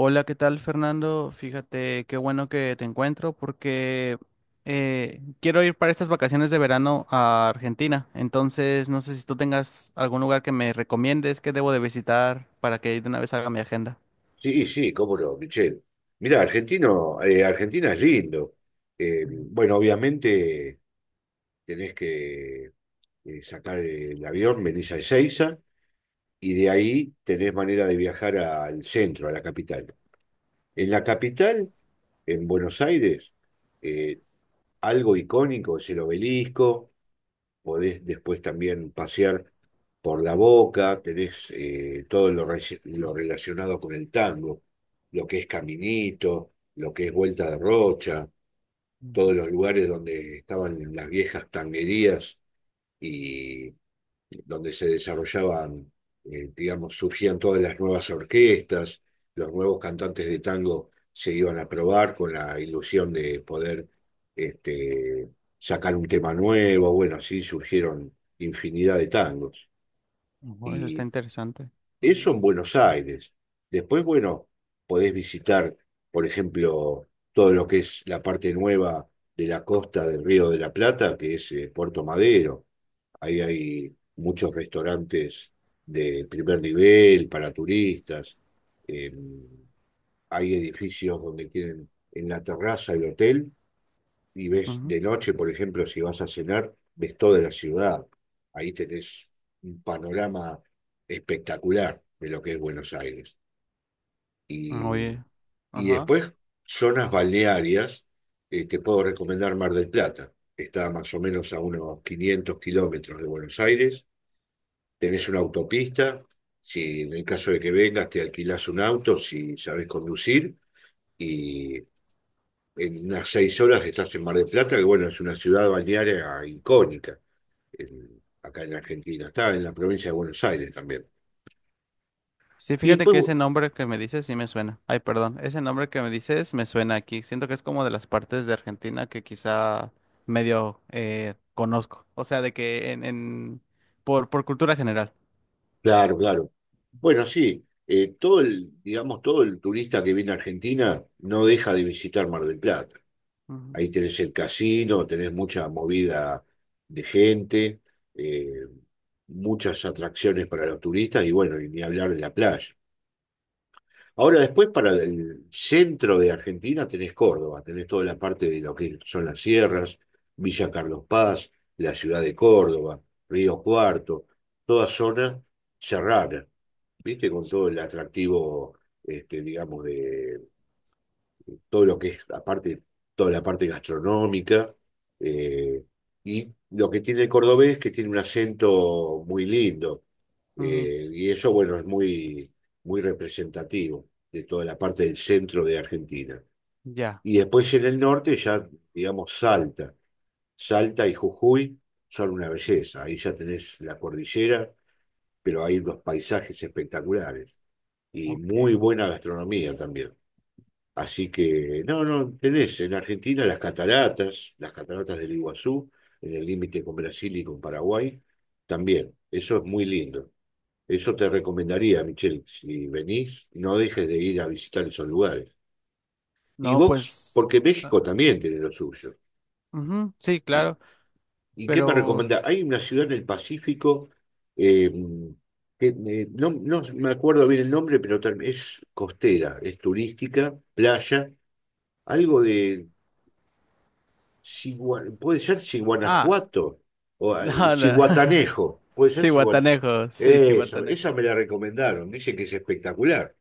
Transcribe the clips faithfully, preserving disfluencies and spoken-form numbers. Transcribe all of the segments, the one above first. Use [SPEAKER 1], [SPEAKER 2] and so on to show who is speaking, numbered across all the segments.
[SPEAKER 1] Hola, ¿qué tal, Fernando? Fíjate, qué bueno que te encuentro porque eh, quiero ir para estas vacaciones de verano a Argentina. Entonces, no sé si tú tengas algún lugar que me recomiendes que debo de visitar para que de una vez haga mi agenda.
[SPEAKER 2] Sí, sí, cómo no, Michelle. Mirá, argentino, eh, Argentina es lindo. Eh,
[SPEAKER 1] Mm,
[SPEAKER 2] bueno, obviamente tenés que eh, sacar el avión, venís a Ezeiza y de ahí tenés manera de viajar al centro, a la capital. En la capital, en Buenos Aires, eh, algo icónico es el obelisco, podés después también pasear por la Boca, tenés eh, todo lo, reci- lo relacionado con el tango, lo que es Caminito, lo que es Vuelta de Rocha, todos
[SPEAKER 1] ujú.
[SPEAKER 2] los lugares donde estaban las viejas tanguerías y donde se desarrollaban, eh, digamos, surgían todas las nuevas orquestas, los nuevos cantantes de tango se iban a probar con la ilusión de poder este, sacar un tema nuevo, bueno, así surgieron infinidad de tangos.
[SPEAKER 1] Ujú, eso está
[SPEAKER 2] Y
[SPEAKER 1] interesante.
[SPEAKER 2] eso
[SPEAKER 1] Ujú,
[SPEAKER 2] en Buenos Aires. Después, bueno, podés visitar, por ejemplo, todo lo que es la parte nueva de la costa del Río de la Plata, que es eh, Puerto Madero. Ahí hay muchos restaurantes de primer nivel para turistas. eh, Hay edificios donde tienen en la terraza el hotel y ves
[SPEAKER 1] ujú.
[SPEAKER 2] de noche, por ejemplo, si vas a cenar, ves toda la ciudad. Ahí tenés un panorama espectacular de lo que es Buenos Aires. Y,
[SPEAKER 1] Oye.
[SPEAKER 2] y
[SPEAKER 1] Ajá.
[SPEAKER 2] después, zonas balnearias, eh, te puedo recomendar Mar del Plata. Está más o menos a unos quinientos kilómetros de Buenos Aires. Tenés una autopista, si en el caso de que vengas te alquilás un auto, si sabés conducir, y en unas seis horas estás en Mar del Plata, que bueno, es una ciudad balnearia icónica en- acá en Argentina, está en la provincia de Buenos Aires también.
[SPEAKER 1] Sí,
[SPEAKER 2] Y
[SPEAKER 1] fíjate
[SPEAKER 2] después,
[SPEAKER 1] que ese
[SPEAKER 2] bu-
[SPEAKER 1] nombre que me dices sí me suena. Ay, perdón, ese nombre que me dices me suena aquí. Siento que es como de las partes de Argentina que quizá medio eh, conozco. O sea, de que en, en por, por cultura general.
[SPEAKER 2] claro, claro. Bueno, sí, eh, todo el, digamos, todo el turista que viene a Argentina no deja de visitar Mar del Plata.
[SPEAKER 1] Ujú,
[SPEAKER 2] Ahí tenés el casino, tenés mucha movida de gente, eh, muchas atracciones para los turistas y bueno, y ni hablar de la playa. Ahora después, para el centro de Argentina tenés Córdoba, tenés toda la parte de lo que son las sierras, Villa Carlos Paz, la ciudad de Córdoba, Río Cuarto, toda zona serrana, ¿viste? Con todo el atractivo, este, digamos, de, todo lo que es, aparte, toda la parte gastronómica. eh, y lo que tiene el cordobés es que tiene un acento muy lindo.
[SPEAKER 1] ujú,
[SPEAKER 2] Eh, y eso, bueno, es muy, muy representativo de toda la parte del centro de Argentina.
[SPEAKER 1] ya,
[SPEAKER 2] Y después en el norte ya, digamos, Salta. Salta y Jujuy son una belleza. Ahí ya tenés la cordillera, pero hay unos paisajes espectaculares y muy
[SPEAKER 1] ok.
[SPEAKER 2] buena gastronomía también. Así que, no, no, tenés en Argentina las cataratas, las cataratas del Iguazú, en el límite con Brasil y con Paraguay, también. Eso es muy lindo. Eso te recomendaría, Michelle, si venís, no dejes de ir a visitar esos lugares. Y
[SPEAKER 1] No,
[SPEAKER 2] vos,
[SPEAKER 1] pues
[SPEAKER 2] porque
[SPEAKER 1] ah,
[SPEAKER 2] México también tiene lo suyo.
[SPEAKER 1] ujú, sí,
[SPEAKER 2] ¿Y,
[SPEAKER 1] claro,
[SPEAKER 2] y qué me
[SPEAKER 1] pero
[SPEAKER 2] recomendás? Hay una ciudad en el Pacífico, eh, que, eh, no, no me acuerdo bien el nombre, pero ter- es costera, es turística, playa, algo de Chigua- puede ser
[SPEAKER 1] ah,
[SPEAKER 2] Chiguanajuato o ah,
[SPEAKER 1] no, no.
[SPEAKER 2] Chiguatanejo, puede ser
[SPEAKER 1] Sí,
[SPEAKER 2] Chiguat-
[SPEAKER 1] Guatanejo, sí, sí,
[SPEAKER 2] Eso, esa
[SPEAKER 1] Guatanejo.
[SPEAKER 2] me la recomendaron, dicen que es espectacular.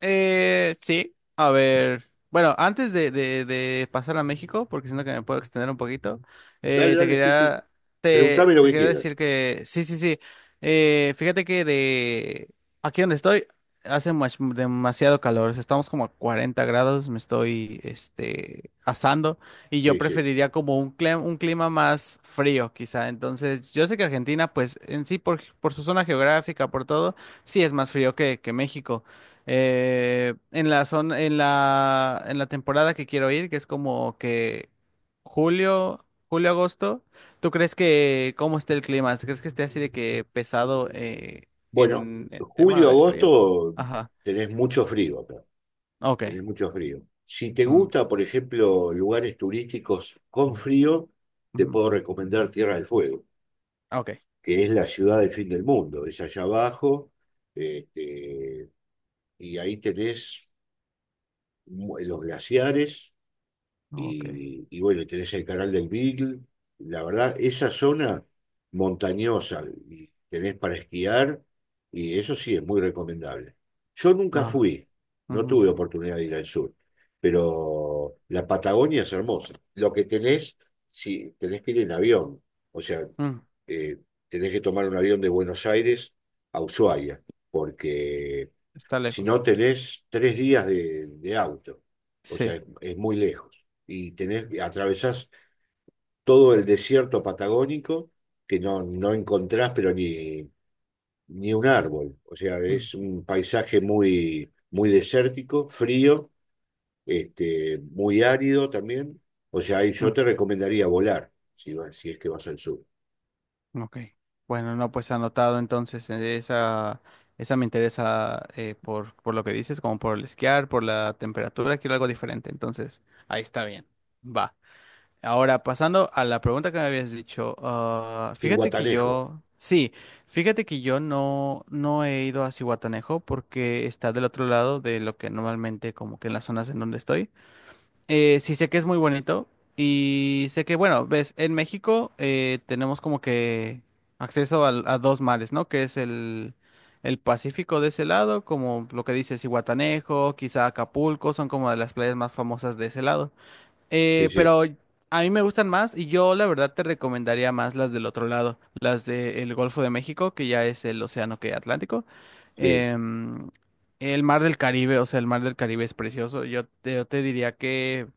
[SPEAKER 1] Eh, sí, a ver. Bueno, antes de, de, de pasar a México, porque siento que me puedo extender un poquito,
[SPEAKER 2] Dale,
[SPEAKER 1] eh, te
[SPEAKER 2] dale, sí, sí.
[SPEAKER 1] quería, te,
[SPEAKER 2] Preguntame lo
[SPEAKER 1] te
[SPEAKER 2] que
[SPEAKER 1] quería decir
[SPEAKER 2] quieras.
[SPEAKER 1] que, sí, sí, sí. Eh, fíjate que de aquí donde estoy hace mas- demasiado calor. O sea, estamos como a cuarenta grados, me estoy, este, asando y yo
[SPEAKER 2] Sí, sí.
[SPEAKER 1] preferiría como un clima, un clima más frío, quizá. Entonces, yo sé que Argentina, pues en sí, por, por su zona geográfica, por todo, sí es más frío que, que México. Eh, en la zona, en la, en la temporada que quiero ir, que es como que julio, julio, agosto, ¿tú crees que cómo esté el clima? ¿Crees que esté así de que pesado eh,
[SPEAKER 2] Bueno,
[SPEAKER 1] en el tema
[SPEAKER 2] julio,
[SPEAKER 1] de frío?
[SPEAKER 2] agosto
[SPEAKER 1] Ajá.
[SPEAKER 2] tenés mucho frío acá, tenés
[SPEAKER 1] Ok.
[SPEAKER 2] mucho frío. Si te
[SPEAKER 1] Mm,
[SPEAKER 2] gusta, por ejemplo, lugares turísticos con frío, te
[SPEAKER 1] ujú.
[SPEAKER 2] puedo recomendar Tierra del Fuego,
[SPEAKER 1] Ok.
[SPEAKER 2] que es la ciudad del fin del mundo, es allá abajo, este, y ahí tenés los glaciares
[SPEAKER 1] Ok.
[SPEAKER 2] y, y bueno, tenés el canal del Beagle. La verdad, esa zona montañosa y tenés para esquiar y eso sí es muy recomendable. Yo nunca
[SPEAKER 1] No.
[SPEAKER 2] fui, no
[SPEAKER 1] Ujú.
[SPEAKER 2] tuve oportunidad de ir al sur, pero la Patagonia es hermosa. Lo que tenés, sí, tenés que ir en avión, o sea,
[SPEAKER 1] Mm,
[SPEAKER 2] eh, tenés que tomar un avión de Buenos Aires a Ushuaia, porque
[SPEAKER 1] está
[SPEAKER 2] si no
[SPEAKER 1] lejos.
[SPEAKER 2] tenés tres días de, de auto, o sea,
[SPEAKER 1] Sí.
[SPEAKER 2] es, es muy lejos. Y tenés, atravesás todo el desierto patagónico que no, no encontrás, pero ni, ni un árbol. O sea, es un paisaje muy, muy desértico, frío, este, muy árido también. O sea, ahí yo
[SPEAKER 1] Mm,
[SPEAKER 2] te recomendaría volar, si, va- si es que vas al sur.
[SPEAKER 1] ok. Bueno, no, pues anotado entonces eh, esa, esa me interesa eh, por, por lo que dices, como por el esquiar, por la temperatura, quiero algo diferente. Entonces, ahí está bien. Va. Ahora, pasando a la pregunta que me habías dicho, ah,
[SPEAKER 2] Y
[SPEAKER 1] fíjate que
[SPEAKER 2] Guatanejo,
[SPEAKER 1] yo, sí, fíjate que yo no, no he ido a Cihuatanejo porque está del otro lado de lo que normalmente como que en las zonas en donde estoy. Eh, sí sé que es muy bonito y sé que, bueno, ves, en México eh, tenemos como que acceso al- a, dos mares, ¿no? Que es el, el Pacífico de ese lado, como lo que dices, Zihuatanejo, quizá Acapulco, son como de las playas más famosas de ese lado.
[SPEAKER 2] sí,
[SPEAKER 1] Eh,
[SPEAKER 2] sí,
[SPEAKER 1] pero a mí me gustan más y yo la verdad te recomendaría más las del otro lado, las del Golfo de México, que ya es el océano que Atlántico.
[SPEAKER 2] sí,
[SPEAKER 1] Em, el Mar del Caribe, o sea, el Mar del Caribe es precioso. Yo te, yo te diría que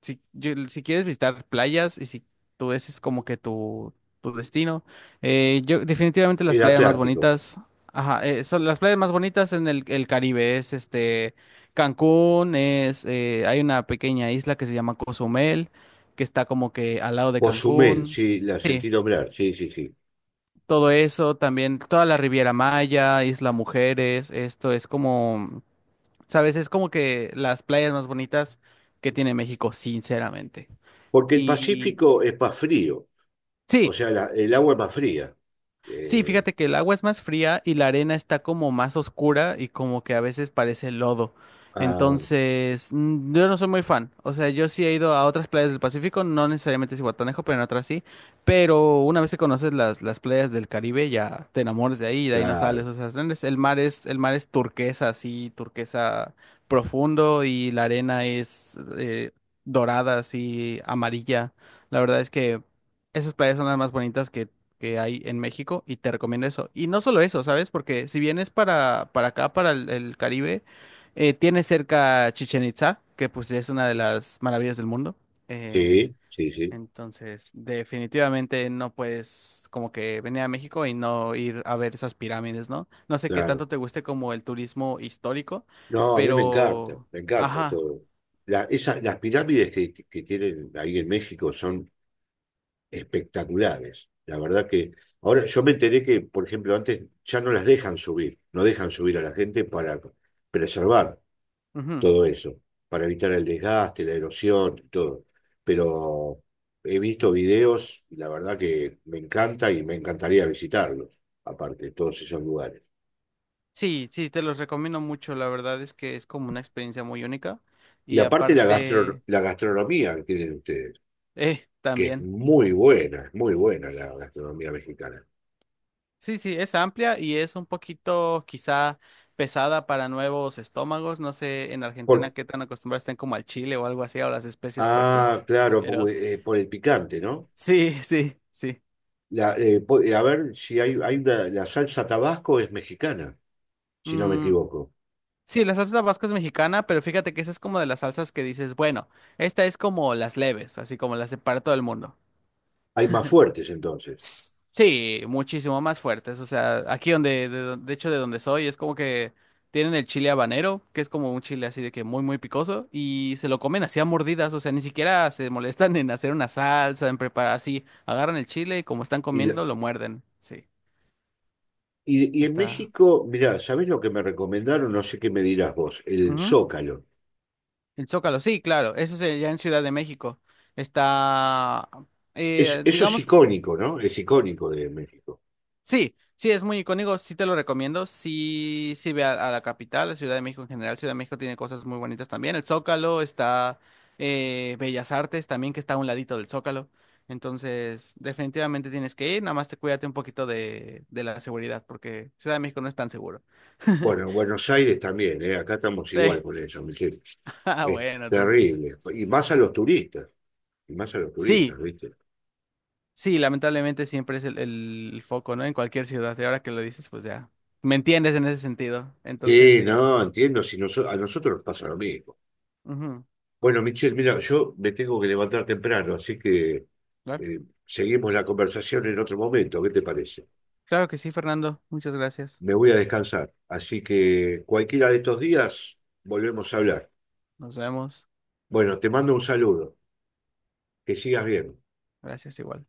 [SPEAKER 1] si, yo- si quieres visitar playas y si tú ese es como que tu, tu destino, eh, yo definitivamente las
[SPEAKER 2] el
[SPEAKER 1] playas más
[SPEAKER 2] Atlántico.
[SPEAKER 1] bonitas, ajá, eh, son las playas más bonitas en el, el Caribe, es este... Cancún es, eh, hay una pequeña isla que se llama Cozumel, que está como que al lado de
[SPEAKER 2] Cozumel,
[SPEAKER 1] Cancún.
[SPEAKER 2] sí, la
[SPEAKER 1] Sí,
[SPEAKER 2] sentí nombrar, sí, sí, sí.
[SPEAKER 1] todo eso, también toda la Riviera Maya, Isla Mujeres, esto es como, ¿sabes? Es como que las playas más bonitas que tiene México, sinceramente.
[SPEAKER 2] Porque el
[SPEAKER 1] Y
[SPEAKER 2] Pacífico es más frío, o
[SPEAKER 1] sí.
[SPEAKER 2] sea, la- el agua es más fría.
[SPEAKER 1] Sí,
[SPEAKER 2] Eh,
[SPEAKER 1] fíjate que el agua es más fría y la arena está como más oscura y como que a veces parece lodo.
[SPEAKER 2] ah,
[SPEAKER 1] Entonces, mm, yo no soy muy fan. O sea, yo sí he ido a otras playas del Pacífico, no necesariamente Cihuatanejo, pero en otras sí. Pero una vez que conoces las, las playas del Caribe, ya te enamoras de ahí y de ahí no sales.
[SPEAKER 2] claro,
[SPEAKER 1] O sea, es- el mar es, el mar es turquesa, así, turquesa profundo y la arena es eh, dorada, así, amarilla. La verdad es que esas playas son las más bonitas que que hay en México y te recomiendo eso. Y no solo eso, ¿sabes? Porque si vienes para, para acá, para el, el Caribe, eh, tienes cerca Chichen Itza, que pues es una de las maravillas del mundo. Eh,
[SPEAKER 2] sí, sí, sí,
[SPEAKER 1] entonces, definitivamente no puedes como que venir a México y no ir a ver esas pirámides, ¿no? No sé qué
[SPEAKER 2] claro.
[SPEAKER 1] tanto te guste como el turismo histórico,
[SPEAKER 2] No, a mí me encanta,
[SPEAKER 1] pero...
[SPEAKER 2] me encanta
[SPEAKER 1] Ajá.
[SPEAKER 2] todo. La- esa- las pirámides que, que tienen ahí en México son espectaculares. La verdad que ahora yo me enteré que, por ejemplo, antes ya no las dejan subir, no dejan subir a la gente para preservar.
[SPEAKER 1] Ujú.
[SPEAKER 2] Todo eso, para evitar el desgaste, la erosión, todo. Pero he visto videos y la verdad que me encanta y me encantaría visitarlos, aparte de todos esos lugares.
[SPEAKER 1] Sí, sí, te los recomiendo mucho. La verdad es que es como una experiencia muy única.
[SPEAKER 2] Y
[SPEAKER 1] Y
[SPEAKER 2] aparte la, gastro,
[SPEAKER 1] aparte...
[SPEAKER 2] la gastronomía que tienen ustedes,
[SPEAKER 1] Eh,
[SPEAKER 2] que es
[SPEAKER 1] también.
[SPEAKER 2] muy buena, es muy buena la gastronomía mexicana.
[SPEAKER 1] Sí, sí, es amplia y es un poquito quizá pesada para nuevos estómagos. No sé en Argentina
[SPEAKER 2] Porque,
[SPEAKER 1] qué tan acostumbrados estén como al chile o algo así, o las especias fuertes.
[SPEAKER 2] ah, claro,
[SPEAKER 1] Pero
[SPEAKER 2] porque, eh, por el picante, ¿no?
[SPEAKER 1] sí, sí, sí.
[SPEAKER 2] La, eh, po- eh, a ver si hay, hay una- la salsa Tabasco es mexicana, si no me
[SPEAKER 1] Mm,
[SPEAKER 2] equivoco.
[SPEAKER 1] sí, la salsa tabasco es mexicana, pero fíjate que esa es como de las salsas que dices, bueno, esta es como las leves, así como las de para todo el mundo.
[SPEAKER 2] Hay más fuertes entonces.
[SPEAKER 1] Sí, muchísimo más fuertes. O sea, aquí donde, de, don- de hecho, de donde soy, es como que tienen el chile habanero, que es como un chile así de que muy, muy picoso, y se lo comen así a mordidas. O sea, ni siquiera se molestan en hacer una salsa, en preparar así. Agarran el chile y como están
[SPEAKER 2] Y la,
[SPEAKER 1] comiendo, lo muerden. Sí,
[SPEAKER 2] Y, y en
[SPEAKER 1] está.
[SPEAKER 2] México, mirá, ¿sabés lo que me recomendaron? No sé qué me dirás vos, el
[SPEAKER 1] Ujú.
[SPEAKER 2] Zócalo.
[SPEAKER 1] El zócalo, sí, claro. Eso es eh, ya en Ciudad de México. Está.
[SPEAKER 2] Es,
[SPEAKER 1] Eh,
[SPEAKER 2] eso es
[SPEAKER 1] digamos,
[SPEAKER 2] icónico, ¿no? Es icónico de México.
[SPEAKER 1] sí, sí, es muy icónico, sí te lo recomiendo, sí, sí ve a, a la capital, la Ciudad de México en general, Ciudad de México tiene cosas muy bonitas también, el Zócalo está, eh, Bellas Artes también que está a un ladito del Zócalo, entonces definitivamente tienes que ir, nada más te cuídate un poquito de, de la seguridad, porque Ciudad de México no es tan seguro.
[SPEAKER 2] Bueno, en Buenos Aires también, ¿eh? Acá estamos igual
[SPEAKER 1] Sí.
[SPEAKER 2] con eso, Michelle.
[SPEAKER 1] Ah,
[SPEAKER 2] Es
[SPEAKER 1] bueno, entonces.
[SPEAKER 2] terrible. Y más a los turistas, y más a los turistas,
[SPEAKER 1] Sí,
[SPEAKER 2] ¿viste?
[SPEAKER 1] sí, lamentablemente siempre es el, el foco, ¿no? En cualquier ciudad, y ahora que lo dices, pues ya, me entiendes en ese sentido, entonces
[SPEAKER 2] Sí,
[SPEAKER 1] sí.
[SPEAKER 2] no, entiendo, si noso- a nosotros nos pasa lo mismo.
[SPEAKER 1] Ujú.
[SPEAKER 2] Bueno, Michelle, mira, yo me tengo que levantar temprano, así que eh, seguimos la conversación en otro momento, ¿qué te parece?
[SPEAKER 1] Claro que sí, Fernando. Muchas gracias.
[SPEAKER 2] Me voy a descansar. Así que cualquiera de estos días volvemos a hablar.
[SPEAKER 1] Nos vemos.
[SPEAKER 2] Bueno, te mando un saludo. Que sigas bien.
[SPEAKER 1] Gracias igual.